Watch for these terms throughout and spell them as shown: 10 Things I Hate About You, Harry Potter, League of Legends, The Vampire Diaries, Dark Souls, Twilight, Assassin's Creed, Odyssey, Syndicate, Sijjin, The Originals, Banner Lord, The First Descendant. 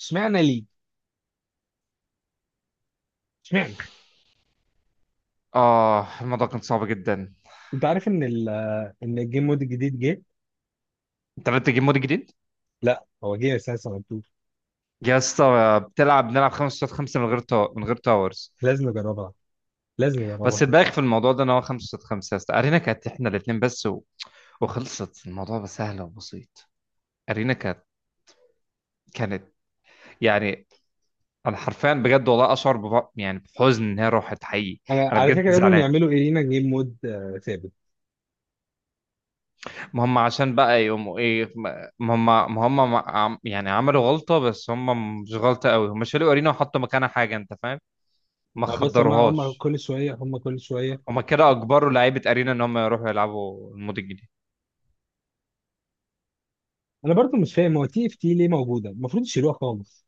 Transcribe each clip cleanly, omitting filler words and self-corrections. اشمعنى ليه؟ اشمعنى؟ اه، الموضوع كان صعب جدا. انت عارف ان الجيم مود الجديد جه؟ انت بدأت تجيب مود جديد. لا، هو جه اساسا مكتوب. يا اسطى بتلعب، بنلعب خمسة قصاد خمسة من غير من غير تاورز. لازم نجربها. لازم بس نجربها. الباقي في الموضوع ده ان هو خمسة قصاد خمسة يا اسطى، ارينا كانت احنا الاثنين بس وخلصت، الموضوع بقى سهل وبسيط. ارينا كانت كانت يعني انا حرفيا بجد والله اشعر بحزن ان هي راحت حقيقي. انا انا على بجد فكره لازم زعلان. يعملوا ايه لينا جيم مود ثابت. ما هم عشان بقى يقوموا ايه، ما هم يعني عملوا غلطة، بس هم مش غلطة قوي، هم شالوا ارينا وحطوا مكانها حاجة، انت فاهم. ما ما بس هم خدروهاش. كل شويه، هم كل شويه. هما كده اجبروا لعيبه ارينا ان هم يروحوا يلعبوا المود الجديد. انا برضو مش فاهم، هو تي اف تي ليه موجوده؟ المفروض يشيلوها خالص.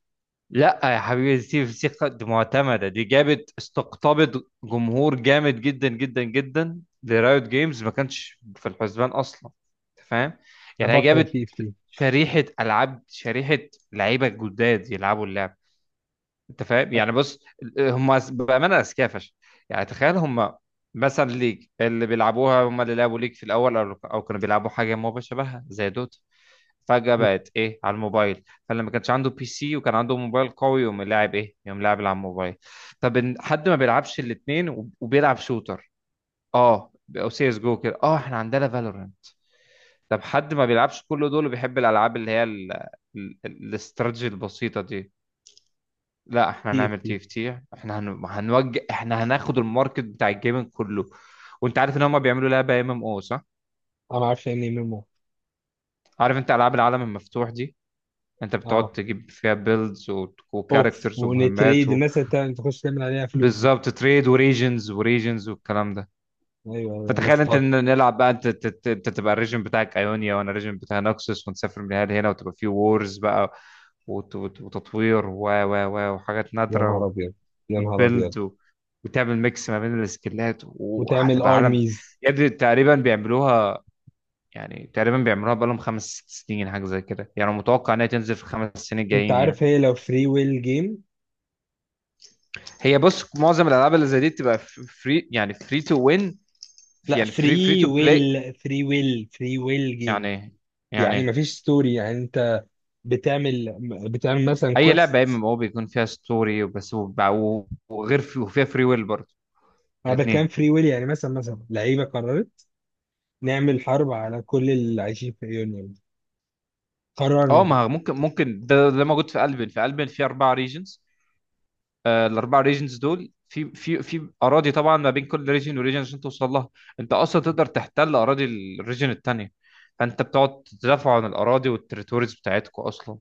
لا يا حبيبي، ستيف سيخ دي معتمده، دي جابت، استقطبت جمهور جامد جدا جدا جدا لرايوت جيمز، ما كانش في الحسبان اصلا. أنت فاهم، انا يعني هي بكره جابت تي اف تي. شريحه العاب، شريحه لعيبه جداد يلعبوا اللعب. انت فاهم، يعني بص، هم بامانه اذكياء فشخ. يعني تخيل هم مثلا، ليج اللي بيلعبوها هم اللي لعبوا ليج في الاول، او كانوا بيلعبوا حاجه ما شبهها زي دوت، فجأة بقت ايه، على الموبايل. فلما كانش عنده بي سي وكان عنده موبايل قوي، يقوم لاعب ايه، يقوم لاعب على الموبايل. طب حد ما بيلعبش الاتنين وبيلعب شوتر، اه، او سي اس جو كده، اه احنا عندنا فالورانت. طب حد ما بيلعبش كل دول وبيحب الالعاب اللي هي الاستراتيجي البسيطة دي، لا احنا تي اف هنعمل تي، تي اف تي، احنا هنوجه، احنا هناخد الماركت بتاع الجيمنج كله. وانت عارف ان هم بيعملوا لعبة ام ام او، صح؟ انا ما اعرفش يعني ايه ميمو. عارف انت العاب العالم المفتوح دي، انت بتقعد اه. تجيب فيها بيلدز اوف، وكاركترز ومهمات ونتريد الناس اللي تخش تعمل عليها فلوس دي. بالظبط، تريد وريجنز وريجنز والكلام ده. ايوه، ايوه، الناس فتخيل انت تقعد. إن نلعب بقى، انت انت تبقى الريجن بتاعك ايونيا، وانا الريجن بتاع نوكسوس، ونسافر من هنا لهنا، وتبقى في وورز بقى، وتطوير و و و وحاجات يا نهار نادرة، ابيض، يا نهار ابيض. وتبيلد وتعمل ميكس ما بين السكيلات، وتعمل وهتبقى عالم. ارميز. يا ابني تقريبا بيعملوها، يعني تقريبا بيعملوها بقالهم خمس ست سنين حاجة زي كده، يعني متوقع انها تنزل في الخمس سنين انت الجايين يعني. عارف هي لو فري ويل جيم؟ هي بص، معظم الالعاب اللي زي دي بتبقى فري، يعني فري تو وين، لا، يعني فري تو بلاي، فري ويل جيم. يعني يعني يعني مفيش ستوري يعني، انت بتعمل بتعمل مثلا اي لعبه يا كويست. اما هو بيكون فيها ستوري وبس وغير في، وفيها فري ويل برضه، انا بتكلم الاثنين. فري ويل يعني، مثلا لعيبه قررت نعمل حرب على كل اللي عايشين في يونيون. قررنا اه كده. ما هو ممكن، ده موجود في البن في اربع ريجنز. آه، الاربع ريجنز دول في اراضي، طبعا ما بين كل ريجن وريجن عشان توصل لها، انت اصلا تقدر تحتل اراضي الريجن الثانيه. فانت بتقعد تدافع عن الاراضي والتريتوريز بتاعتكم اصلا،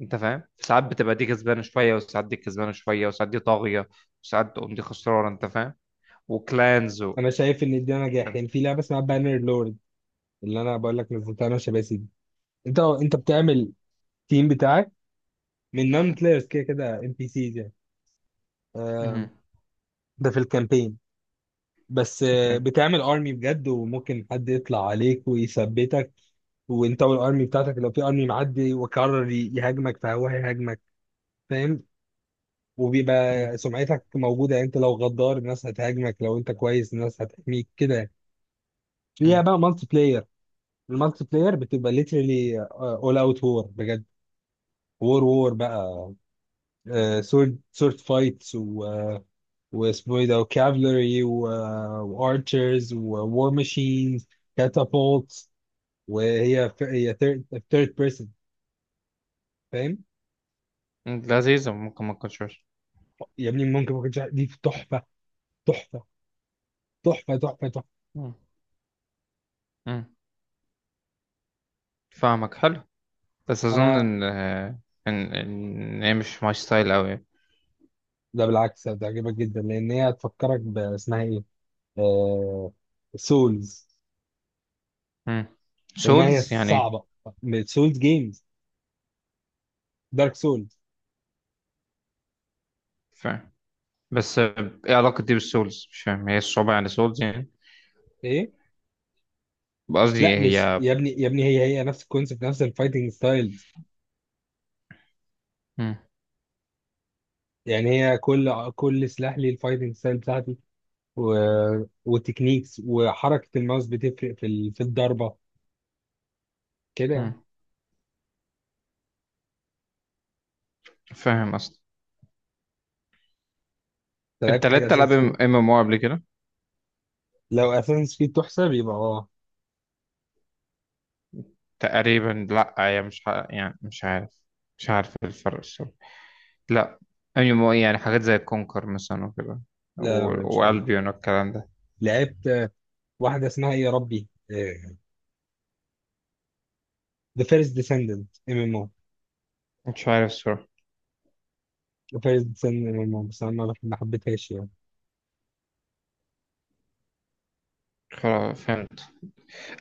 انت فاهم. ساعات بتبقى دي كسبانه شويه، وساعات دي كسبانه شويه، وساعات دي طاغيه، وساعات تقوم دي خسرانه، انت فاهم. وكلانز انا شايف ان ده نجاح، يعني في لعبه اسمها بانر لورد، اللي انا بقول لك نزلتها انا وشباسي دي. انت بتعمل تيم بتاعك من نون بلايرز، كده كده ام بي سيز يعني آه، مهم. ده في الكامبين. بس اوكي. بتعمل ارمي بجد، وممكن حد يطلع عليك ويثبتك. وانت والارمي بتاعتك، لو في ارمي معدي وقرر يهاجمك، فهو هيهاجمك. فاهم؟ مهم. وبيبقى سمعتك موجودة يعني، انت لو غدار الناس هتهاجمك، لو انت كويس الناس هتحميك كده. فيها مهم. بقى مالتي بلاير. المالتي بلاير بتبقى ليترلي اول اوت وور بجد. وور وور بقى، سورد فايتس، و واسمه ايه ده، وكافلري وارشرز وور ماشينز، catapults. وهي ف- هي ثيرد بيرسون. فاهم؟ لذيذه، ممكن ما تكونش وحشة. يا ابني، ممكن دي تحفه. تحفه، تحفه، تحفه، تحفه. مهم. مهم. فاهمك، حلو. بس اظن انا ان هي مش ماي ستايل قوي. ده بالعكس هتعجبك جدا، لان هي هتفكرك اسمها ايه، آه... سولز. لانها هي سولز يعني ايه؟ صعبه. سولز جيمز، دارك سولز. فاهم، بس ايه علاقه دي بالسولز، مش فاهم هي الصعوبه يعني سولز يعني، ايه؟ لا قصدي مش هي، يا ابني، يا ابني هي نفس الكونسيبت، نفس الفايتنج ستايلز. مهم. يعني هي كل سلاح ليه الفايتنج ستايل بتاعتي، و... وتكنيكس، وحركه الماوس بتفرق في الضربه كده يعني. مهم. فاهم اصلا. انت انت لعبت حاجه لعبت العاب ام اساسا؟ ام او قبل كده؟ لو اساسنز كريد تحسب يبقى اه. تقريبا لا، هي مش يعني مش عارف، مش عارف الفرق الصراحة. لا، يعني حاجات زي كونكر مثلا وكده، لا، لا، مش ممكن. والبيون والكلام ده. لعبت واحده اسمها ايه يا ربي، ذا فيرست ديسندنت ام ام او. مش عارف الصراحة. ذا فيرست ديسندنت ام ام او، بس انا ما حبيتهاش يعني. خلاص فهمت.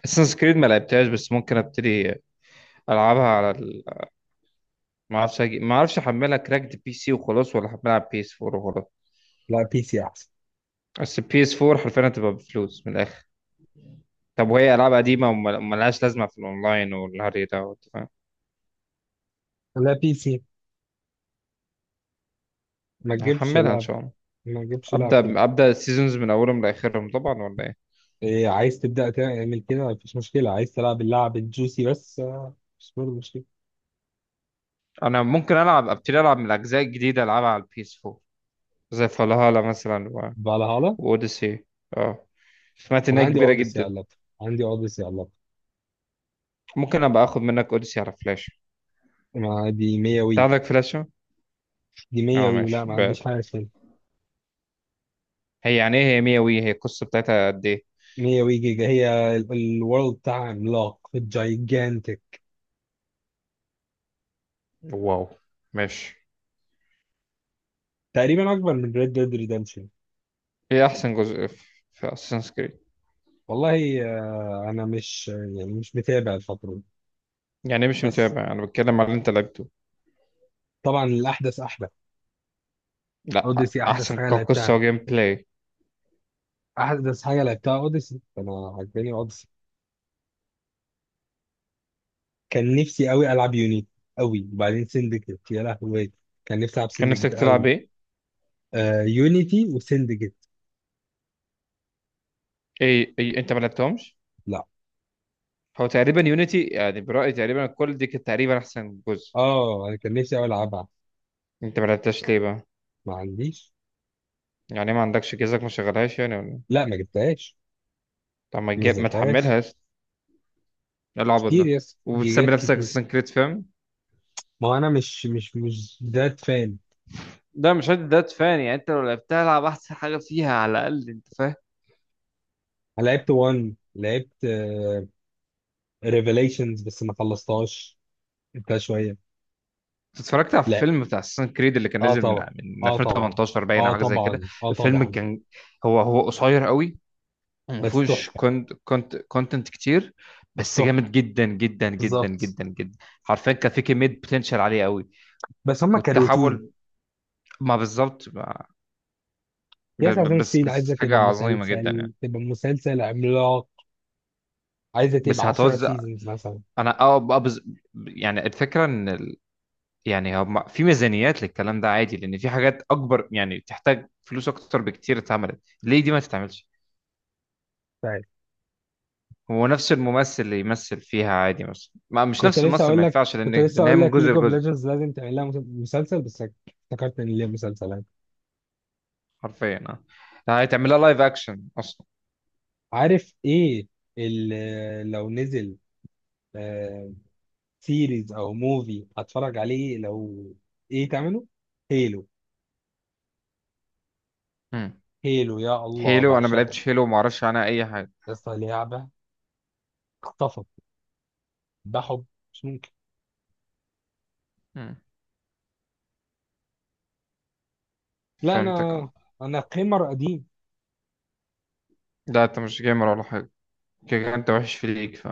اساسن كريد ما لعبتهاش، بس ممكن ابتدي العبها على ما اعرفش احملها كراكد بي سي وخلاص، ولا احملها على بي اس 4 وخلاص. لا، بي سي احسن. بس البي اس 4 حرفيا هتبقى بفلوس من الاخر. طب وهي العاب قديمه وملهاش لازمه في الاونلاين والهري ده، وأنت فاهم. لا، بي سي. ما تجيبش هحملها ان لعب، شاء الله. ما تجيبش لعب كده. ابدا ابدا، السيزونز من اولهم لاخرهم طبعا، ولا ايه؟ إيه؟ عايز تبدا تعمل كده، مفيش مشكله. عايز تلعب اللعب الجوسي بس مش برضه مشكله. انا ممكن العب، ابتدي العب من الاجزاء الجديده، العبها على البي اس 4، زي فالهالا مثلا فالهالا. واوديسي، اه. سمعت انا انها عندي كبيره اوديسي على جدا. اللابتوب، عندي اوديسي على اللابتوب. ممكن ابقى اخد منك اوديسي على فلاش؟ ما دي 100 انت وي. عندك فلاشه؟ دي 100 اه وي، لا، ماشي ما عنديش بقى. حاجه تاني. هي يعني ايه هي 100 وي، هي القصه بتاعتها قد ايه؟ 100 جيجا. هي الورلد بتاعها عملاق، جايجانتك. واو. ماشي. تقريبا اكبر من ريد ديد ريدمشن. هي احسن جزء في في اساسنس كريد؟ والله انا مش، يعني مش متابع الفتره دي. يعني مش بس متابع، انا بتكلم على اللي انت لعبته. طبعا الاحدث احدث. لا، اوديسي احدث احسن حاجه كقصه لعبتها، وجيم بلاي. احدث حاجه لعبتها اوديسي. انا عجباني اوديسي. كان نفسي قوي العب يونيتي قوي، وبعدين سندكت يا لهوي. كان نفسي العب كان سندكت نفسك تلعب قوي. ايه؟ آه، يونيتي وسندكت. ايه، إيه؟ انت ما لعبتهمش؟ لا، هو تقريبا يونيتي، يعني برأيي تقريبا الكل دي كانت تقريبا أحسن جزء. اه، انا كان نفسي قوي العبها. أنت ما لعبتهاش ليه بقى؟ ما عنديش. يعني ما عندكش جهازك ما شغلهاش، يعني ولا إيه؟ لا، ما جبتهاش. طب ما ما تجيب، ما نزلتهاش. تحملهاش. إيه العبط كتير، ده؟ يس، وبتسمي جيجات نفسك كتير. أساسن كريد، فاهم؟ ما هو انا مش ذات فان. ده مش هادي، ده تفاني، يعني انت لو لعبتها العب احسن حاجه فيها على الاقل، انت فاهم. انا لعبت 1، لعبت ريفيليشنز بس ما خلصتهاش. انت شويه. اتفرجت على لا. الفيلم بتاع اساسن كريد اللي كان اه نازل من طبعا. اه طبعا، 2018 باين، او اه حاجه زي كده. طبعا، اه الفيلم طبعا. كان، هو هو قصير قوي، وما بس فيهوش تحفه. كونتنت كتير، بس بس تحفه. جامد جدا جدا جدا بالظبط. جدا جدا. حرفيا كان في كميه بوتنشال عاليه قوي، بس هم كروتون. والتحول، ما بالظبط، يس، عشان ستيد بس عايزه حاجه تبقى عظيمه جدا مسلسل، يعني. تبقى مسلسل عملاق. عايزه بس تبقى 10 هتوزع. سيزونز مثلا. انا اه بقى يعني الفكره ان يعني هم في ميزانيات للكلام ده عادي، لان في حاجات اكبر يعني تحتاج فلوس اكتر بكتير، اتعملت ليه دي ما تتعملش. طيب. هو نفس الممثل اللي يمثل فيها عادي مثلا، ما مش كنت نفس لسه الممثل اقول ما لك ينفعش، لان كنت لسه لان هي اقول من لك جزء ليج اوف لجزء. ليجندز لازم تعمل لها مسلسل، بس افتكرت ان ليها مسلسلات. حرفيا اه، ده هيتعمل لها لايف اكشن اصلا. عارف ايه؟ لو نزل سيريز او موفي هتفرج عليه؟ لو ايه تعمله؟ هيلو. مم. هيلو، يا الله، هيلو انا ما بعشقه. لعبتش هيلو، وما اعرفش عنها اي حاجه. بس لعبة، اخطفت، بحب، مش ممكن. مم. لا، فهمتك انا اه. انا قيمر قديم. لا انت مش جيمر ولا حاجه، كده كده انت وحش في ليك، ف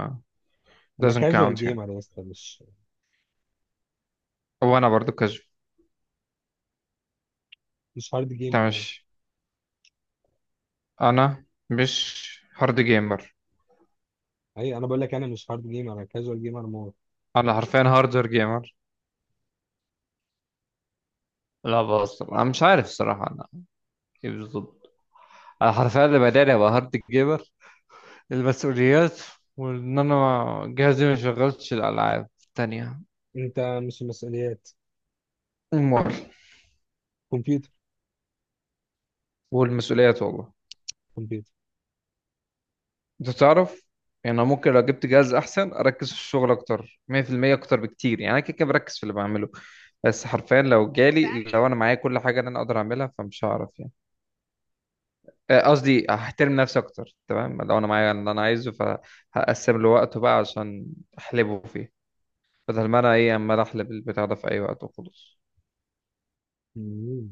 انا doesn't كاجوال count يعني. جيمر يا اسطى، مش وانا برضو كذب. مش هارد انت جيمر يعني. مش، انا مش هارد جيمر. اي، انا بقول لك، انا مش هارد جيمر، انا كاجوال جيمر مور. انا حرفيا هاردر جيمر، لا بهزر، انا مش عارف الصراحه، انا ايه بالظبط. انا حرفيا اللي بداني ابقى هارد جيمر المسؤوليات، وان انا جهازي ما شغلتش الالعاب التانية. انت مش، مسؤوليات، المر، كمبيوتر، والمسؤوليات والله. انت تعرف، يعني انا ممكن لو جبت جهاز احسن اركز في الشغل اكتر 100%، اكتر بكتير، يعني انا كده كده بركز في اللي بعمله، بس حرفيا لو جالي، لو انا معايا كل حاجه اللي انا اقدر اعملها، فمش هعرف يعني. قصدي هحترم نفسي اكتر، تمام؟ لو انا معايا اللي انا عايزه فهقسم له وقته بقى، عشان احلبه فيه، بدل ما انا ايه، عمال احلب البتاع ده في اي وقت وخلاص. كمبيوتر.